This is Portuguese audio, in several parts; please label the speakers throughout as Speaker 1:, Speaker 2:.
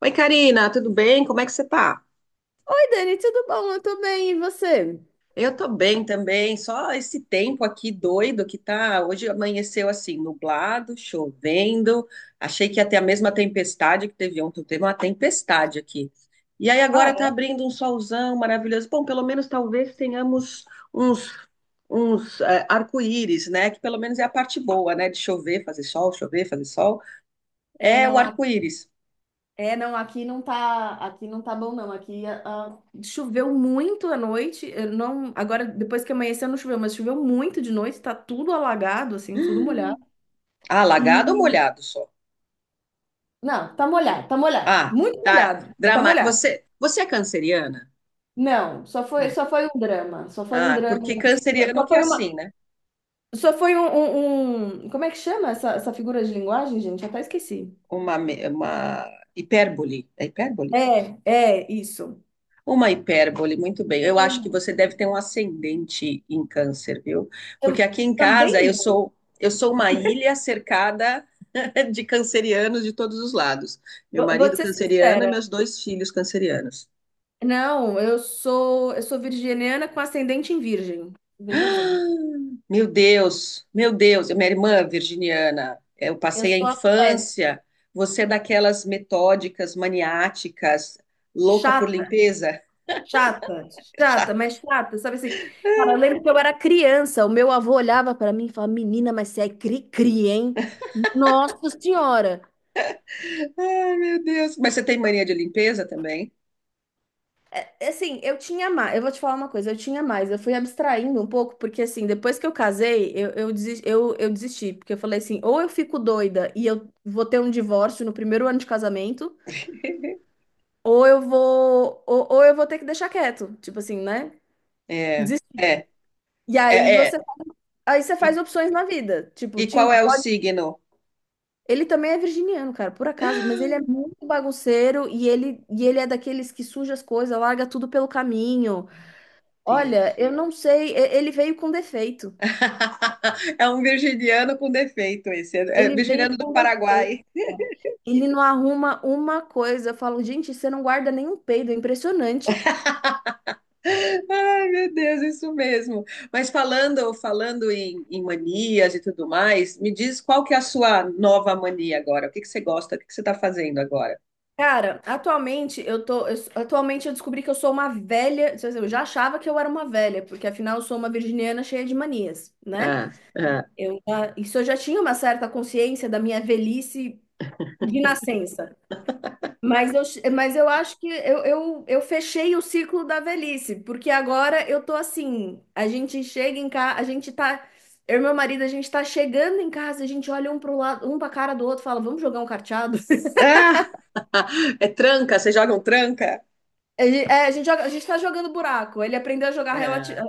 Speaker 1: Oi, Karina, tudo bem? Como é que você tá?
Speaker 2: Oi, Dani, tudo bom? Eu tô bem, e você?
Speaker 1: Eu tô bem também, só esse tempo aqui doido que tá. Hoje amanheceu assim, nublado, chovendo. Achei que ia ter a mesma tempestade que teve ontem, teve uma tempestade aqui. E aí agora tá
Speaker 2: Ah,
Speaker 1: abrindo um solzão maravilhoso. Bom, pelo menos talvez tenhamos uns, uns arco-íris, né? Que pelo menos é a parte boa, né? De chover, fazer sol, chover, fazer sol.
Speaker 2: é, É,
Speaker 1: É o
Speaker 2: não,
Speaker 1: arco-íris.
Speaker 2: é, não, aqui não tá bom, não. Aqui choveu muito à noite. Eu não, agora, depois que amanheceu, não choveu, mas choveu muito de noite, tá tudo alagado, assim, tudo molhado.
Speaker 1: Ah, lagado ou
Speaker 2: E
Speaker 1: molhado só?
Speaker 2: não, tá molhado,
Speaker 1: Ah,
Speaker 2: muito
Speaker 1: tá.
Speaker 2: molhado, tá
Speaker 1: Dramático.
Speaker 2: molhado.
Speaker 1: Você, você é canceriana?
Speaker 2: Não, só foi,
Speaker 1: Não.
Speaker 2: só foi um drama, só foi um
Speaker 1: Ah,
Speaker 2: drama,
Speaker 1: porque canceriano
Speaker 2: só
Speaker 1: que é
Speaker 2: foi
Speaker 1: assim,
Speaker 2: uma,
Speaker 1: né?
Speaker 2: só foi um, um- um- como é que chama essa figura de linguagem, gente? Eu até esqueci.
Speaker 1: Uma hipérbole. É hipérbole?
Speaker 2: É, é, isso.
Speaker 1: Uma hipérbole, muito bem. Eu acho que você deve ter um ascendente em câncer, viu? Porque
Speaker 2: Tam-
Speaker 1: aqui em casa
Speaker 2: Também
Speaker 1: eu
Speaker 2: não.
Speaker 1: sou eu sou uma ilha cercada de cancerianos de todos os lados. Meu
Speaker 2: Vou
Speaker 1: marido
Speaker 2: te ser
Speaker 1: canceriano e
Speaker 2: sincera.
Speaker 1: meus dois filhos cancerianos.
Speaker 2: Não, eu sou virginiana com ascendente em virgem. Veja bem.
Speaker 1: Meu Deus, minha irmã virginiana, eu
Speaker 2: Eu
Speaker 1: passei a
Speaker 2: sou a peste.
Speaker 1: infância. Você é daquelas metódicas, maniáticas, louca por
Speaker 2: Chata,
Speaker 1: limpeza?
Speaker 2: chata, chata,
Speaker 1: Chata.
Speaker 2: mas chata, sabe assim? Cara, eu lembro que eu era criança, o meu avô olhava pra mim e falava: Menina, mas você é cri-cri, hein? Nossa Senhora!
Speaker 1: Ai, meu Deus. Mas você tem mania de limpeza também?
Speaker 2: Assim, eu tinha mais. Eu vou te falar uma coisa, eu tinha mais. Eu fui abstraindo um pouco, porque assim, depois que eu casei, eu desisti. Porque eu falei assim, ou eu fico doida e eu vou ter um divórcio no primeiro ano de casamento, ou eu vou ter que deixar quieto. Tipo assim, né?
Speaker 1: É,
Speaker 2: Desistir.
Speaker 1: é,
Speaker 2: E aí
Speaker 1: é, é.
Speaker 2: você, aí você
Speaker 1: E,
Speaker 2: faz opções na vida. Tipo,
Speaker 1: e
Speaker 2: Tim,
Speaker 1: qual é o
Speaker 2: pode.
Speaker 1: signo?
Speaker 2: Ele também é virginiano, cara, por acaso, mas ele é muito bagunceiro e ele é daqueles que suja as coisas, larga tudo pelo caminho. Olha,
Speaker 1: Deus.
Speaker 2: eu não sei, ele veio com defeito.
Speaker 1: É um virginiano com defeito esse. É
Speaker 2: Ele veio
Speaker 1: virginiano do
Speaker 2: com
Speaker 1: Paraguai.
Speaker 2: defeito, cara. Ele não arruma uma coisa. Eu falo, gente, você não guarda nenhum peido, é impressionante.
Speaker 1: Ai, meu Deus, isso mesmo. Mas falando, falando em manias e tudo mais, me diz qual que é a sua nova mania agora? O que que você gosta? O que que você está fazendo agora?
Speaker 2: Cara, atualmente eu descobri que eu sou uma velha, quer dizer, eu já achava que eu era uma velha, porque afinal eu sou uma virginiana cheia de manias, né?
Speaker 1: Ah, ah.
Speaker 2: Isso eu já tinha uma certa consciência da minha velhice de nascença. Mas eu acho que eu fechei o ciclo da velhice, porque agora eu tô assim, a gente chega em casa, a gente tá, eu e meu marido, a gente tá chegando em casa, a gente olha um pro lado, um pra cara do outro, fala, vamos jogar um carteado?
Speaker 1: Ah, é tranca, você joga um tranca?
Speaker 2: A gente tá jogando buraco, ele aprendeu a jogar.
Speaker 1: É.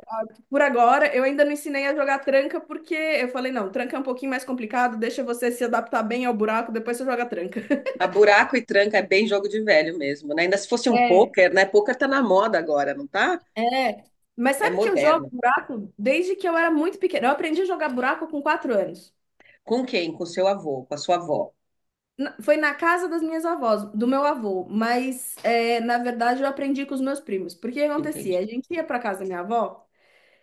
Speaker 2: Por agora, eu ainda não ensinei a jogar tranca, porque eu falei, não, tranca é um pouquinho mais complicado, deixa você se adaptar bem ao buraco, depois você joga tranca.
Speaker 1: A buraco e tranca é bem jogo de velho mesmo, né? Ainda se fosse um
Speaker 2: É.
Speaker 1: pôquer, né? Pôquer tá na moda agora, não tá?
Speaker 2: É, mas
Speaker 1: É
Speaker 2: sabe que eu jogo
Speaker 1: moderno.
Speaker 2: buraco desde que eu era muito pequena. Eu aprendi a jogar buraco com quatro anos.
Speaker 1: Com quem? Com seu avô, com a sua avó,
Speaker 2: Foi na casa das minhas avós, do meu avô, mas é, na verdade eu aprendi com os meus primos. Porque o que
Speaker 1: entende?
Speaker 2: acontecia? A gente ia para casa da minha avó,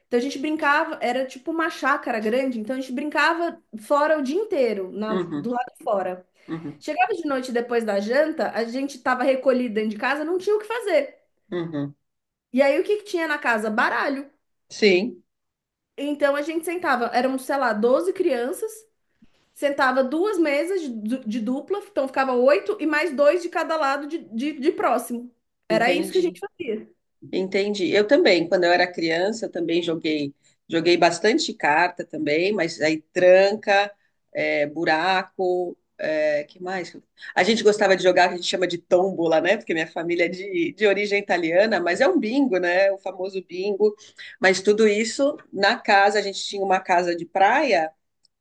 Speaker 2: então a gente brincava, era tipo uma chácara grande, então a gente brincava fora o dia inteiro, do
Speaker 1: Uhum,
Speaker 2: lado de fora.
Speaker 1: uhum,
Speaker 2: Chegava de noite depois da janta, a gente estava recolhido dentro de casa, não tinha o que fazer.
Speaker 1: uhum.
Speaker 2: E aí o que que tinha na casa? Baralho.
Speaker 1: Sim,
Speaker 2: Então a gente sentava, eram, sei lá, 12 crianças. Sentava duas mesas de dupla, então ficava oito e mais dois de cada lado de, de próximo. Era isso que a gente
Speaker 1: entendi.
Speaker 2: fazia.
Speaker 1: Entendi. Eu também, quando eu era criança, eu também joguei, joguei bastante carta também, mas aí tranca, é, buraco, é, que mais? A gente gostava de jogar, que a gente chama de tombola, né? Porque minha família é de origem italiana, mas é um bingo, né? O famoso bingo. Mas tudo isso na casa, a gente tinha uma casa de praia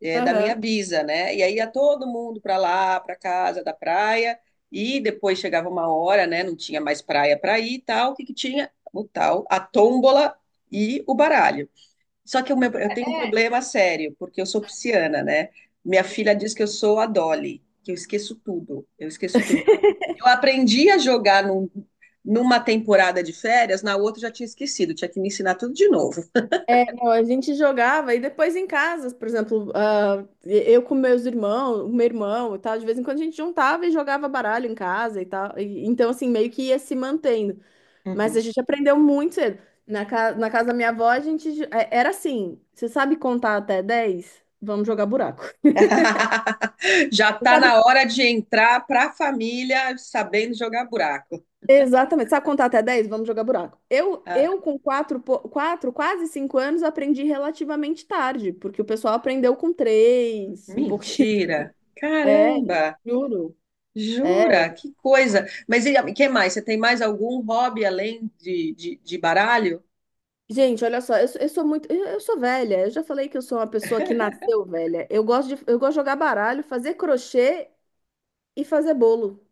Speaker 1: é, da minha
Speaker 2: Aham.
Speaker 1: bisa, né? E aí ia todo mundo para lá, para casa da praia, e depois chegava uma hora, né? Não tinha mais praia para ir e tal. O que que tinha? O tal, a tômbola e o baralho. Só que eu tenho um problema sério, porque eu sou pisciana, né? Minha filha diz que eu sou a Dolly, que eu esqueço tudo, eu esqueço tudo. Eu aprendi a jogar numa temporada de férias, na outra eu já tinha esquecido, tinha que me ensinar tudo de novo.
Speaker 2: É, não, a gente jogava e depois em casa, por exemplo, eu com meus irmãos, o meu irmão e tal, de vez em quando a gente juntava e jogava baralho em casa e tal. Então, assim, meio que ia se mantendo. Mas a gente aprendeu muito cedo. Na casa da minha avó, a gente era assim: você sabe contar até 10, vamos jogar buraco.
Speaker 1: Já
Speaker 2: Você
Speaker 1: tá
Speaker 2: sabe
Speaker 1: na hora de entrar para a família sabendo jogar buraco.
Speaker 2: Exatamente. Sabe contar até dez, vamos jogar buraco. Eu,
Speaker 1: Ah,
Speaker 2: eu com 4, quatro quase 5 anos, aprendi relativamente tarde, porque o pessoal aprendeu com três um pouquinho.
Speaker 1: mentira!
Speaker 2: É,
Speaker 1: Caramba!
Speaker 2: juro. É.
Speaker 1: Jura? Que coisa! Mas e que mais? Você tem mais algum hobby além de baralho?
Speaker 2: Gente, olha só, eu sou muito. Eu sou velha. Eu já falei que eu sou uma pessoa que nasceu velha. Eu gosto de jogar baralho, fazer crochê e fazer bolo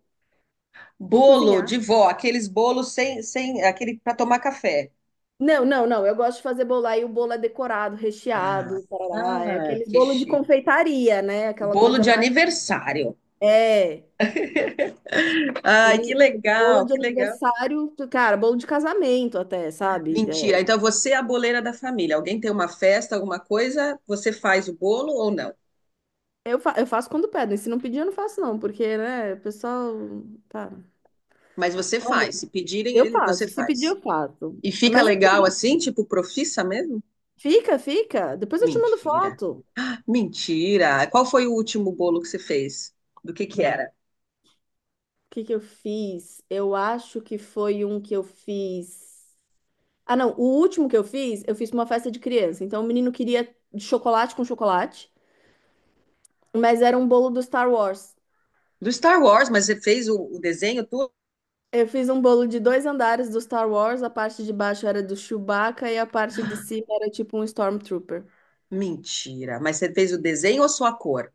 Speaker 2: e
Speaker 1: Bolo de
Speaker 2: cozinhar.
Speaker 1: vó, aqueles bolos sem aquele para tomar café.
Speaker 2: Não, não, não. Eu gosto de fazer bolo. Aí o bolo é decorado,
Speaker 1: Ah,
Speaker 2: recheado, tarará. É
Speaker 1: ah,
Speaker 2: aqueles
Speaker 1: que
Speaker 2: bolo de
Speaker 1: chique.
Speaker 2: confeitaria, né? Aquela
Speaker 1: Bolo
Speaker 2: coisa
Speaker 1: de
Speaker 2: mais.
Speaker 1: aniversário.
Speaker 2: É.
Speaker 1: Ai, que
Speaker 2: Ele, Bolo
Speaker 1: legal,
Speaker 2: de
Speaker 1: que legal.
Speaker 2: aniversário, cara, bolo de casamento até, sabe?
Speaker 1: Mentira.
Speaker 2: É,
Speaker 1: Então você é a boleira da família. Alguém tem uma festa, alguma coisa, você faz o bolo ou não?
Speaker 2: eu faço quando pedem. Se não pedir, eu não faço, não, porque, né, o pessoal. Tá.
Speaker 1: Mas você
Speaker 2: Olha,
Speaker 1: faz. Se pedirem,
Speaker 2: eu
Speaker 1: você
Speaker 2: faço. Se pedir,
Speaker 1: faz.
Speaker 2: eu faço.
Speaker 1: E fica
Speaker 2: Mas eu
Speaker 1: legal
Speaker 2: falei,
Speaker 1: assim, tipo profissa mesmo?
Speaker 2: fica, fica. Depois eu te mando
Speaker 1: Mentira.
Speaker 2: foto.
Speaker 1: Mentira. Qual foi o último bolo que você fez? Do que era?
Speaker 2: O que que eu fiz? Eu acho que foi um que eu fiz. Ah, não, o último que eu fiz pra uma festa de criança. Então o menino queria chocolate com chocolate, mas era um bolo do Star Wars.
Speaker 1: Do Star Wars, mas você fez o desenho? Tudo?
Speaker 2: Eu fiz um bolo de dois andares do Star Wars, a parte de baixo era do Chewbacca e a parte de cima era tipo um Stormtrooper.
Speaker 1: Mentira. Mas você fez o desenho ou só a cor?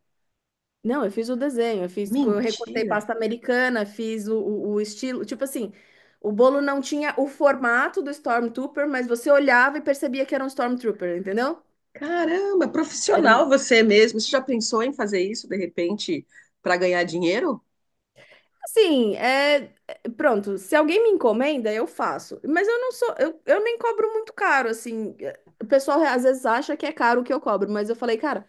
Speaker 2: Não, eu fiz o desenho, eu fiz, eu recortei
Speaker 1: Mentira.
Speaker 2: pasta americana, fiz o estilo, tipo assim, o bolo não tinha o formato do Stormtrooper, mas você olhava e percebia que era um Stormtrooper, entendeu?
Speaker 1: Caramba, profissional você mesmo. Você já pensou em fazer isso de repente para ganhar dinheiro?
Speaker 2: Assim, pronto, se alguém me encomenda, eu faço. Mas eu não sou, eu nem cobro muito caro, assim. É, o pessoal às vezes acha que é caro o que eu cobro, mas eu falei, cara,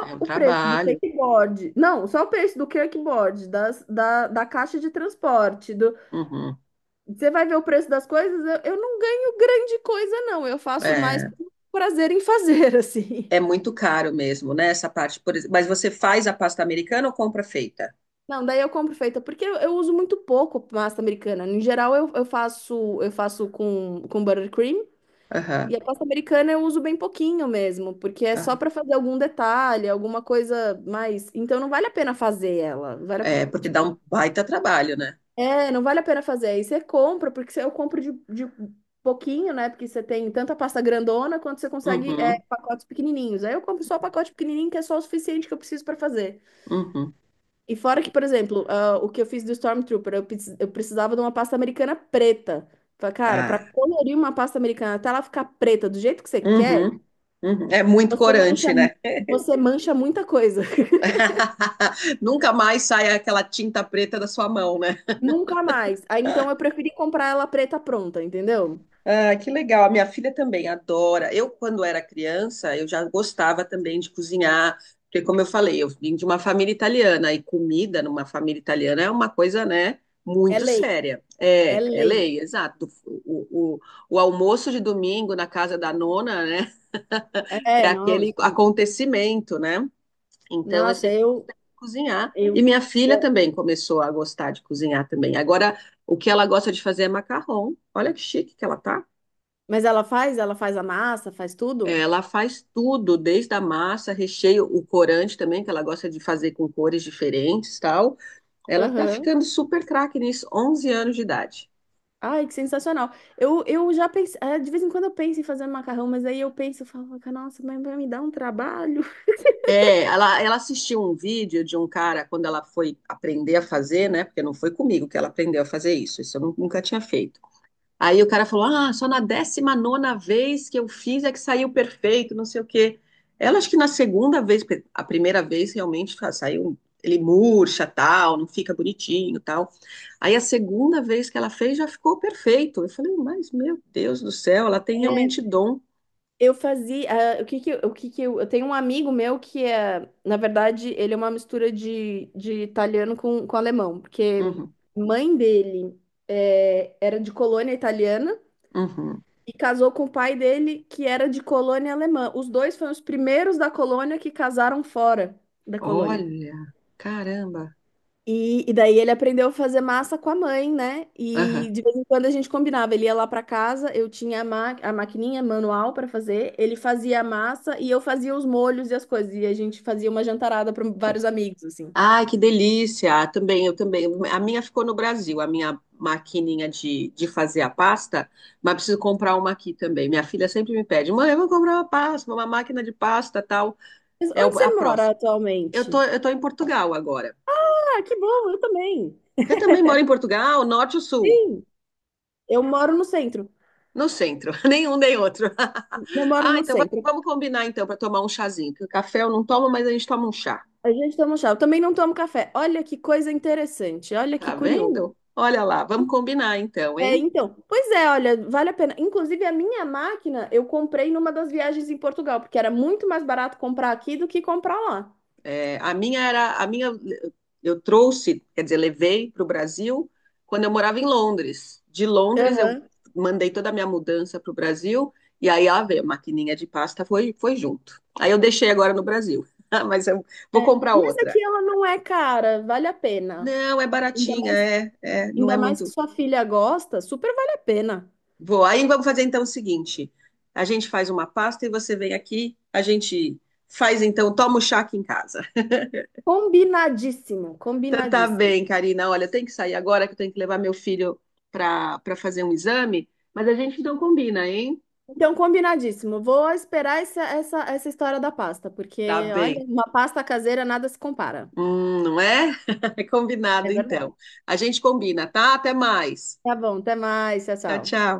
Speaker 1: É um
Speaker 2: o preço do
Speaker 1: trabalho.
Speaker 2: kickboard. Não, só o preço do kickboard, da caixa de transporte, do...
Speaker 1: Uhum.
Speaker 2: Você vai ver o preço das coisas, eu não ganho grande coisa, não. Eu faço mais
Speaker 1: É,
Speaker 2: por prazer em fazer, assim.
Speaker 1: é muito caro mesmo, né? Essa parte, por exemplo. Mas você faz a pasta americana ou compra feita?
Speaker 2: Não, daí eu compro feita, porque eu uso muito pouco massa americana. Em geral, eu faço com buttercream.
Speaker 1: Aham,
Speaker 2: E a pasta americana eu uso bem pouquinho mesmo, porque é só
Speaker 1: aham.
Speaker 2: para fazer algum detalhe, alguma coisa mais. Então não vale a pena fazer ela.
Speaker 1: É, porque dá um baita trabalho, né?
Speaker 2: É, não vale a pena fazer. Aí você compra, porque eu compro de, pouquinho, né? Porque você tem tanta pasta grandona quanto você consegue,
Speaker 1: Uhum,
Speaker 2: pacotes pequenininhos. Aí eu compro só o pacote pequenininho, que é só o suficiente que eu preciso para fazer.
Speaker 1: uhum.
Speaker 2: E fora que, por exemplo, o que eu fiz do Stormtrooper, eu precisava de uma pasta americana preta. Falei, cara, para
Speaker 1: Ah,
Speaker 2: colorir uma pasta americana até ela ficar preta do jeito que você quer.
Speaker 1: uhum, uhum. É muito
Speaker 2: Você
Speaker 1: corante,
Speaker 2: mancha,
Speaker 1: né?
Speaker 2: você mancha muita coisa.
Speaker 1: Nunca mais sai aquela tinta preta da sua mão, né?
Speaker 2: Nunca mais. Aí então eu preferi comprar ela preta pronta, entendeu?
Speaker 1: Ah, que legal. A minha filha também adora. Eu, quando era criança, eu já gostava também de cozinhar, porque, como eu falei, eu vim de uma família italiana e comida numa família italiana é uma coisa, né,
Speaker 2: É
Speaker 1: muito
Speaker 2: lei,
Speaker 1: séria.
Speaker 2: é
Speaker 1: É, é
Speaker 2: lei.
Speaker 1: lei, exato. O, o, o almoço de domingo na casa da nona, né, é
Speaker 2: É, não.
Speaker 1: aquele acontecimento, né? Então, eu
Speaker 2: Nossa,
Speaker 1: sempre gostei de cozinhar.
Speaker 2: eu.
Speaker 1: E minha filha
Speaker 2: eu-
Speaker 1: também começou a gostar de cozinhar também. Agora, o que ela gosta de fazer é macarrão. Olha que chique que ela tá.
Speaker 2: mas ela faz a massa, faz
Speaker 1: É,
Speaker 2: tudo?
Speaker 1: ela faz tudo, desde a massa, recheio, o corante também, que ela gosta de fazer com cores diferentes, tal. Ela tá
Speaker 2: Aham.
Speaker 1: ficando super craque nisso, 11 anos de idade.
Speaker 2: Ai, que sensacional. Eu já pensei, de vez em quando eu penso em fazer um macarrão, mas aí eu penso, eu falo, nossa, mas vai me dar um trabalho.
Speaker 1: É, ela assistiu um vídeo de um cara quando ela foi aprender a fazer, né? Porque não foi comigo que ela aprendeu a fazer isso, nunca tinha feito. Aí o cara falou: Ah, só na 19ª vez que eu fiz é que saiu perfeito, não sei o quê. Ela acho que na segunda vez, porque a primeira vez realmente saiu, ele murcha, tal, não fica bonitinho, tal. Aí a segunda vez que ela fez já ficou perfeito. Eu falei: Mas meu Deus do céu, ela tem
Speaker 2: É,
Speaker 1: realmente dom.
Speaker 2: Eu- o que que eu tenho um amigo meu que é, na verdade, ele é uma mistura de, italiano com, alemão, porque
Speaker 1: Uhum,
Speaker 2: mãe dele era de colônia italiana
Speaker 1: uhum.
Speaker 2: e casou com o pai dele que era de colônia alemã. Os dois foram os primeiros da colônia que casaram fora da colônia.
Speaker 1: Olha, caramba.
Speaker 2: E daí ele aprendeu a fazer massa com a mãe, né?
Speaker 1: Aham.
Speaker 2: E de vez em quando a gente combinava. Ele ia lá para casa, eu tinha a maquininha manual para fazer, ele fazia a massa e eu fazia os molhos e as coisas. E a gente fazia uma jantarada para vários amigos, assim.
Speaker 1: Ai, que delícia! Ah, também, eu também. A minha ficou no Brasil, a minha maquininha de fazer a pasta, mas preciso comprar uma aqui também. Minha filha sempre me pede, mãe, eu vou comprar uma pasta, uma máquina de pasta, tal.
Speaker 2: Mas
Speaker 1: É
Speaker 2: onde
Speaker 1: a
Speaker 2: você mora
Speaker 1: próxima. Eu
Speaker 2: atualmente?
Speaker 1: tô, eu tô em Portugal agora.
Speaker 2: Ah, que bom, eu também.
Speaker 1: Você também mora em Portugal, norte ou sul?
Speaker 2: Sim, eu moro no centro.
Speaker 1: No centro, nenhum nem outro.
Speaker 2: Eu moro
Speaker 1: Ah,
Speaker 2: no
Speaker 1: então vamos,
Speaker 2: centro.
Speaker 1: vamos combinar então para tomar um chazinho, porque o café eu não tomo, mas a gente toma um chá.
Speaker 2: A gente toma chá. Eu também não tomo café. Olha que coisa interessante, olha que
Speaker 1: Tá
Speaker 2: curioso.
Speaker 1: vendo? Olha lá, vamos combinar então,
Speaker 2: É,
Speaker 1: hein?
Speaker 2: então, pois é, olha, vale a pena. Inclusive, a minha máquina eu comprei numa das viagens em Portugal, porque era muito mais barato comprar aqui do que comprar lá.
Speaker 1: É, a minha era, a minha eu trouxe, quer dizer, levei para o Brasil quando eu morava em Londres. De Londres eu
Speaker 2: Aham.
Speaker 1: mandei toda a minha mudança para o Brasil e aí a maquininha de pasta foi junto. Aí eu deixei agora no Brasil, mas eu vou
Speaker 2: É,
Speaker 1: comprar
Speaker 2: mas
Speaker 1: outra.
Speaker 2: aqui ela não é cara, vale a pena.
Speaker 1: Não, é
Speaker 2: Ainda
Speaker 1: baratinha,
Speaker 2: mais,
Speaker 1: é, é, não é
Speaker 2: ainda mais
Speaker 1: muito.
Speaker 2: que sua filha gosta, super vale a pena.
Speaker 1: Vou. Aí vamos fazer então o seguinte: a gente faz uma pasta e você vem aqui, a gente faz então, toma o chá aqui em casa.
Speaker 2: Combinadíssimo,
Speaker 1: Então tá
Speaker 2: combinadíssimo.
Speaker 1: bem, Karina. Olha, eu tenho que sair agora que eu tenho que levar meu filho para fazer um exame, mas a gente não combina, hein?
Speaker 2: Então, combinadíssimo. Vou esperar essa história da pasta,
Speaker 1: Tá
Speaker 2: porque, olha,
Speaker 1: bem.
Speaker 2: uma pasta caseira nada se compara.
Speaker 1: Não é? É
Speaker 2: É
Speaker 1: combinado então.
Speaker 2: verdade.
Speaker 1: A gente combina, tá? Até mais.
Speaker 2: Tá bom, até mais, tchau,
Speaker 1: Tchau,
Speaker 2: tchau.
Speaker 1: tchau.